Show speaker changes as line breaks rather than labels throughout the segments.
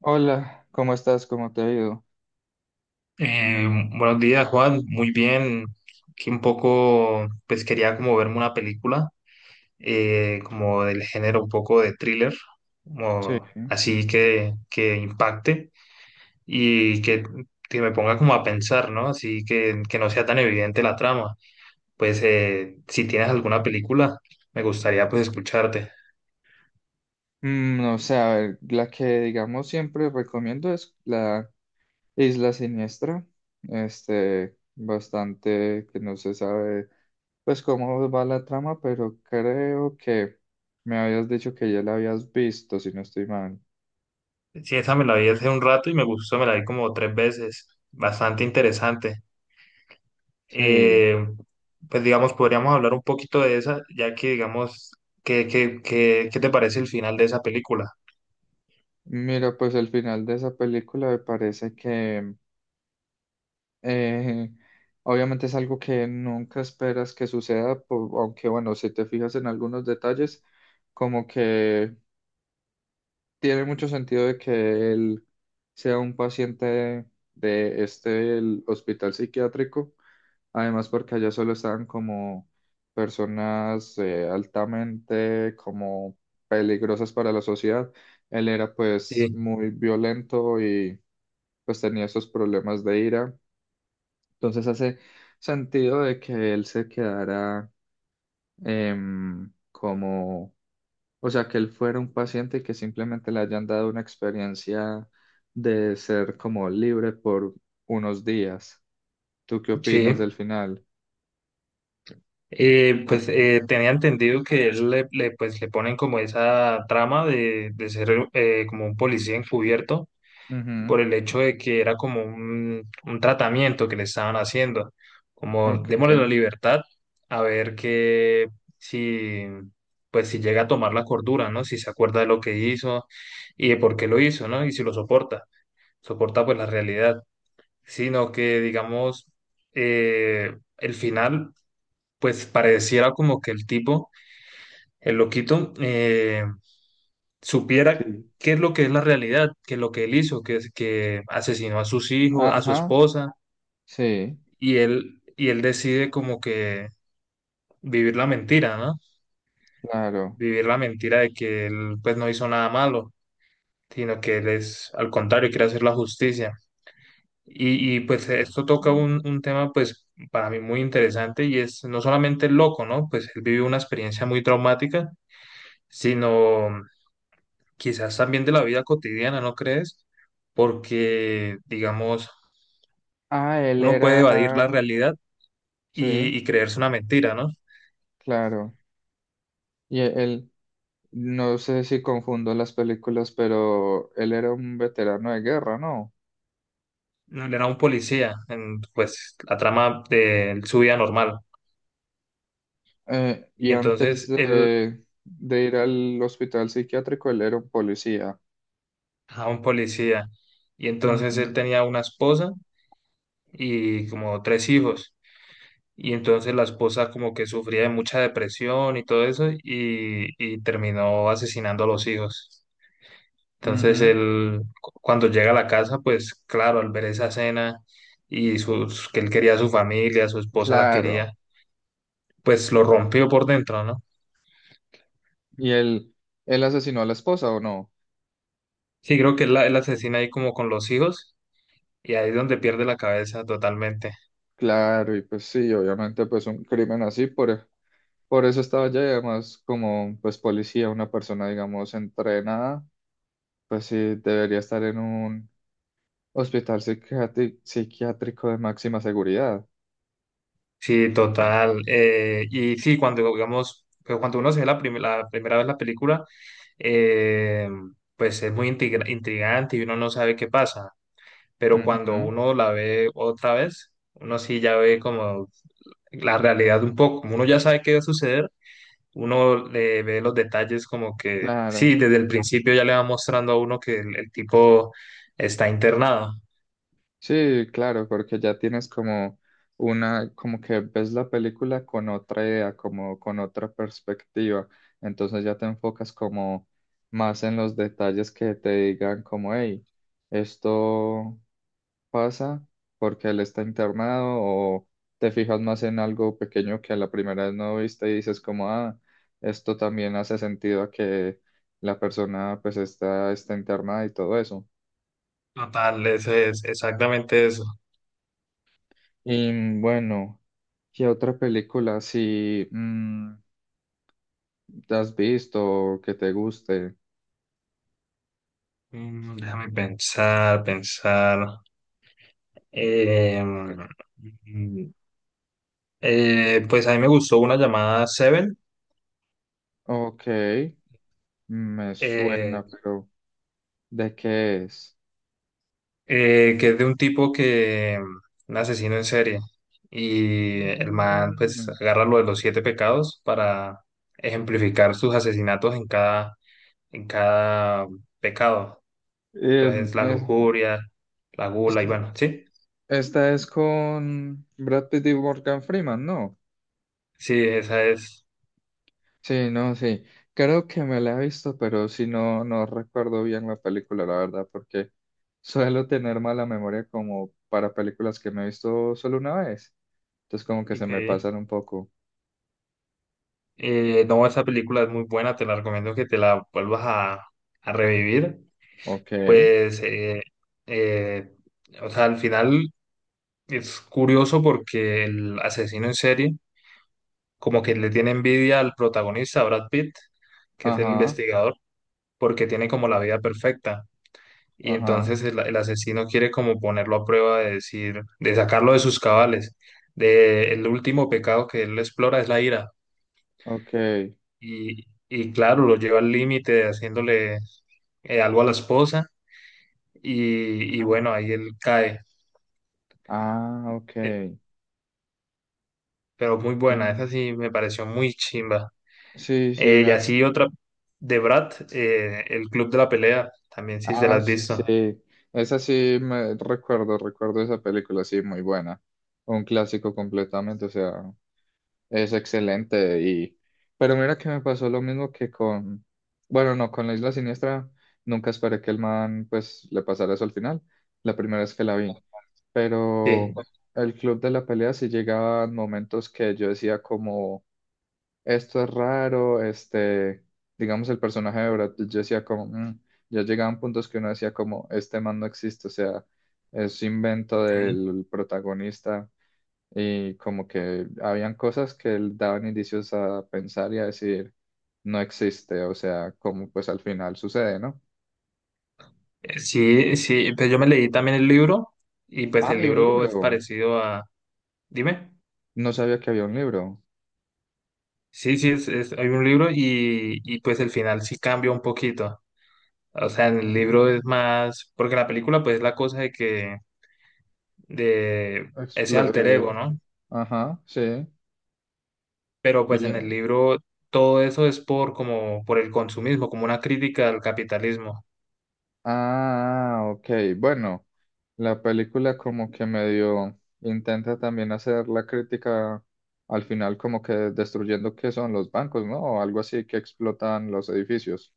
Hola, ¿cómo estás? ¿Cómo te ha ido?
Eh, buenos días, Juan. Muy bien. Aquí un poco, pues quería como verme una película, como del género un poco de thriller,
Sí.
como así que, impacte y que me ponga como a pensar, ¿no? Así que no sea tan evidente la trama. Pues si tienes alguna película, me gustaría pues escucharte.
No sé, a ver, la que digamos siempre recomiendo es la Isla Siniestra. Este, bastante que no se sabe pues cómo va la trama, pero creo que me habías dicho que ya la habías visto, si no estoy mal.
Sí, esa me la vi hace un rato y me gustó, me la vi como tres veces. Bastante interesante.
Sí.
eh, pues digamos, podríamos hablar un poquito de esa, ya que digamos, qué te parece el final de esa película?
Mira, pues el final de esa película me parece que Eh, obviamente es algo que nunca esperas que suceda, aunque bueno, si te fijas en algunos detalles, como que tiene mucho sentido de que él sea un paciente de este el hospital psiquiátrico, además porque allá solo estaban como personas altamente como peligrosas para la sociedad. Él era pues
Sí,
muy violento y pues tenía esos problemas de ira. Entonces hace sentido de que él se quedara como, o sea, que él fuera un paciente y que simplemente le hayan dado una experiencia de ser como libre por unos días. ¿Tú qué opinas
sí.
del final?
Tenía entendido que él le ponen como esa trama de, ser como un policía encubierto
Ujú.
por el hecho de que era como un tratamiento que le estaban haciendo, como
Ok.
démosle la libertad a ver que si, pues si llega a tomar la cordura, ¿no? Si se acuerda de lo que hizo y de por qué lo hizo, ¿no? Y si lo soporta, soporta pues la realidad, sino que digamos, el final, pues pareciera como que el tipo, el loquito, supiera
Sí.
qué es lo que es la realidad, que es lo que él hizo, que, que asesinó a sus hijos, a su
Ajá,
esposa,
sí,
y él decide como que vivir la mentira, ¿no?
claro.
Vivir la mentira de que él pues no hizo nada malo, sino que él es al contrario, quiere hacer la justicia. Y pues esto toca
Mm.
un tema pues para mí muy interesante y es no solamente el loco, ¿no? Pues él vivió una experiencia muy traumática, sino quizás también de la vida cotidiana, ¿no crees? Porque, digamos,
Ah, él
uno puede
era,
evadir la realidad
sí,
y creerse una mentira, ¿no?
claro. Y él, no sé si confundo las películas, pero él era un veterano de guerra, ¿no?
Era un policía en, pues, la trama de su vida normal.
Y
Y
antes
entonces él,
de ir al hospital psiquiátrico, él era un policía.
a un policía, y entonces él
Mm,
tenía una esposa y como tres hijos. Y entonces la esposa como que sufría de mucha depresión y todo eso y terminó asesinando a los hijos. Entonces
ujú.
él, cuando llega a la casa, pues claro, al ver esa cena y sus, que él quería a su familia, su esposa la
Claro.
quería, pues lo rompió por dentro, ¿no?
¿Y él asesinó a la esposa o no?
Sí, creo que él, él asesina ahí como con los hijos y ahí es donde pierde la cabeza totalmente.
Claro, y pues sí, obviamente pues un crimen así, por eso estaba allá y además como pues policía, una persona digamos entrenada, pues sí, debería estar en un psiquiátrico de máxima seguridad.
Sí, total. Y sí, cuando digamos, pero cuando uno se ve la, la primera vez la película, eh, pues es muy intrigante y uno no sabe qué pasa. Pero cuando
Ujú.
uno la ve otra vez, uno sí ya ve como la realidad un poco. Como uno ya sabe qué va a suceder, uno le ve los detalles como que, sí,
Claro,
desde el principio ya le va mostrando a uno que el tipo está internado.
sí, claro, porque ya tienes como una, como que ves la película con otra idea, como con otra perspectiva, entonces ya te enfocas como más en los detalles que te digan como, hey, esto pasa porque él está internado o te fijas más en algo pequeño que la primera vez no viste y dices como, ah, esto también hace sentido a que la persona pues está, está internada y todo eso.
Total, eso es exactamente eso.
Y bueno, ¿qué otra película si te has visto o que te guste?
Mm, déjame pensar. Eh, mm, pues a mí me gustó una llamada Seven.
Ok, me
eh,
suena, pero ¿de qué es?
que es de un tipo que, un asesino en serie, y el man pues
Mm,
agarra lo de los siete pecados para ejemplificar sus asesinatos en cada pecado.
em,
Entonces, la
es-
lujuria, la gula, y bueno,
este-
sí,
Esta es con Brad Pitt y Morgan Freeman, ¿no?
sí, esa es.
Sí, no, sí. Creo que me la he visto, pero si no, no recuerdo bien la película, la verdad, porque suelo tener mala memoria como para películas que me he visto solo una vez. Entonces como que se
Ok.
me pasan un poco.
No, esa película es muy buena, te la recomiendo que te la vuelvas a revivir.
Ok,
Pues, eh, o sea, al final es curioso porque el asesino en serie como que le tiene envidia al protagonista, a Brad Pitt, que es el
ajá,
investigador, porque tiene como la vida perfecta. Y
ajá,
entonces el asesino quiere como ponerlo a prueba de decir, de sacarlo de sus cabales. De, el último pecado que él explora es la ira.
ok.
Y claro, lo lleva al límite haciéndole algo a la esposa. Y bueno,
Ah,
ahí él cae.
ah, ok.
Eh, pero muy buena, esa sí me pareció muy chimba.
Sí, sí,
Y
me...
así otra de Brad, El Club de la Pelea, también si se la
Ah,
has
sí,
visto.
sí. Esa sí me recuerdo esa película, sí, muy buena. Un clásico completamente, o sea. Es excelente y pero mira que me pasó lo mismo que con bueno, no, con la Isla Siniestra nunca esperé que el man pues le pasara eso al final, la primera vez que la vi.
Sí.
Pero
Ok.
el club de la pelea sí llegaban momentos que yo decía como esto es raro, este, digamos el personaje de Brad Pitt, yo decía como "Mm", ya llegaban puntos que uno decía como este man no existe, o sea, es invento del protagonista y como que habían cosas que daban indicios a pensar y a decir, no existe, o sea, como pues al final sucede, ¿no?
Sí, sí, pues yo me leí también el libro y pues
Ah,
el
hay un
libro es
libro.
parecido a... Dime.
No sabía que había un libro.
Sí, sí, hay un libro y pues el final sí cambia un poquito. O sea, en
Ah,
el libro es más, porque en la película pues es la cosa de que, de ese
explo-
alter
eh,
ego, ¿no?
ajá, sí.
Pero pues
Y,
en el libro todo eso es por como, por el consumismo, como una crítica al capitalismo.
ah, ok. Bueno, la película como que medio intenta también hacer la crítica al final como que destruyendo qué son los bancos, ¿no? O algo así que explotan los edificios.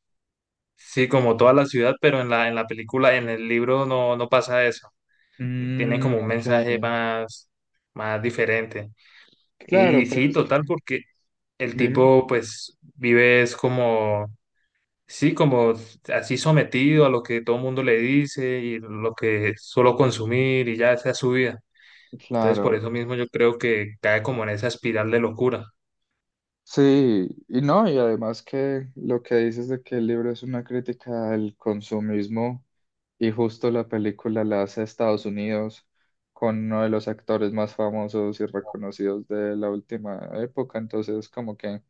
Sí, como toda la ciudad, pero en la película, en el libro no, no pasa eso. Tienen
Mm,
como un
ok.
mensaje más, más diferente. Y
Claro, pero
sí,
es que,
total, porque el
dime,
tipo pues vive es como, sí, como así sometido a lo que todo el mundo le dice y lo que solo consumir y ya esa es su vida. Entonces, por
claro.
eso mismo yo creo que cae como en esa espiral de locura.
Sí, y no, y además que lo que dices de que el libro es una crítica al consumismo y justo la película la hace Estados Unidos con uno de los actores más famosos y reconocidos de la última época, entonces como que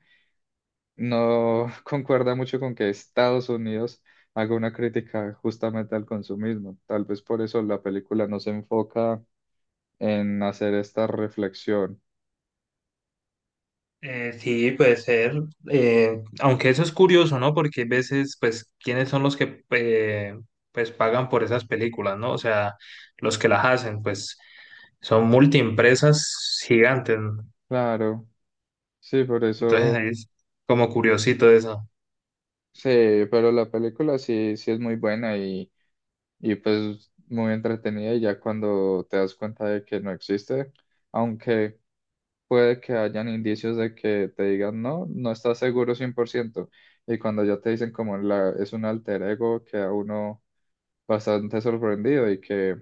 no concuerda mucho con que Estados Unidos haga una crítica justamente al consumismo. Tal vez por eso la película no se enfoca en hacer esta reflexión.
Sí, puede ser. Aunque eso es curioso, ¿no? Porque hay veces, pues, ¿quiénes son los que pues pagan por esas películas, ¿no? O sea, los que las hacen, pues, son multiempresas gigantes. ¿No?
Claro. Sí, por
Entonces,
eso,
ahí es como curiosito eso.
sí, pero la película sí, sí es muy buena y pues muy entretenida y ya cuando te das cuenta de que no existe, aunque puede que hayan indicios de que te digan no, no estás seguro 100% y cuando ya te dicen como la, es un alter ego queda uno bastante sorprendido y que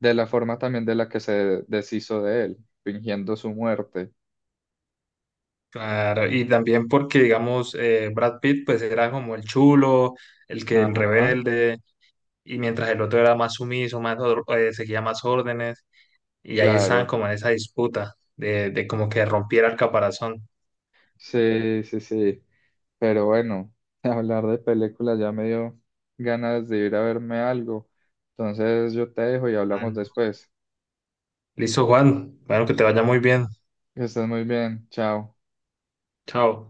de la forma también de la que se deshizo de él, fingiendo su muerte.
Claro, y también porque, digamos, Brad Pitt, pues, era como el chulo, el que el
Ajá,
rebelde, y mientras el otro era más sumiso, más, seguía más órdenes. Y ahí estaban
claro,
como en esa disputa de como que rompiera el caparazón.
sí, sí, sí. Pero bueno, hablar de películas ya me dio ganas de ir a verme algo. Entonces yo te dejo y
Ah,
hablamos
no.
después.
Listo, Juan. Bueno, que te vaya muy bien.
Que estés muy bien. Chao.
Chao.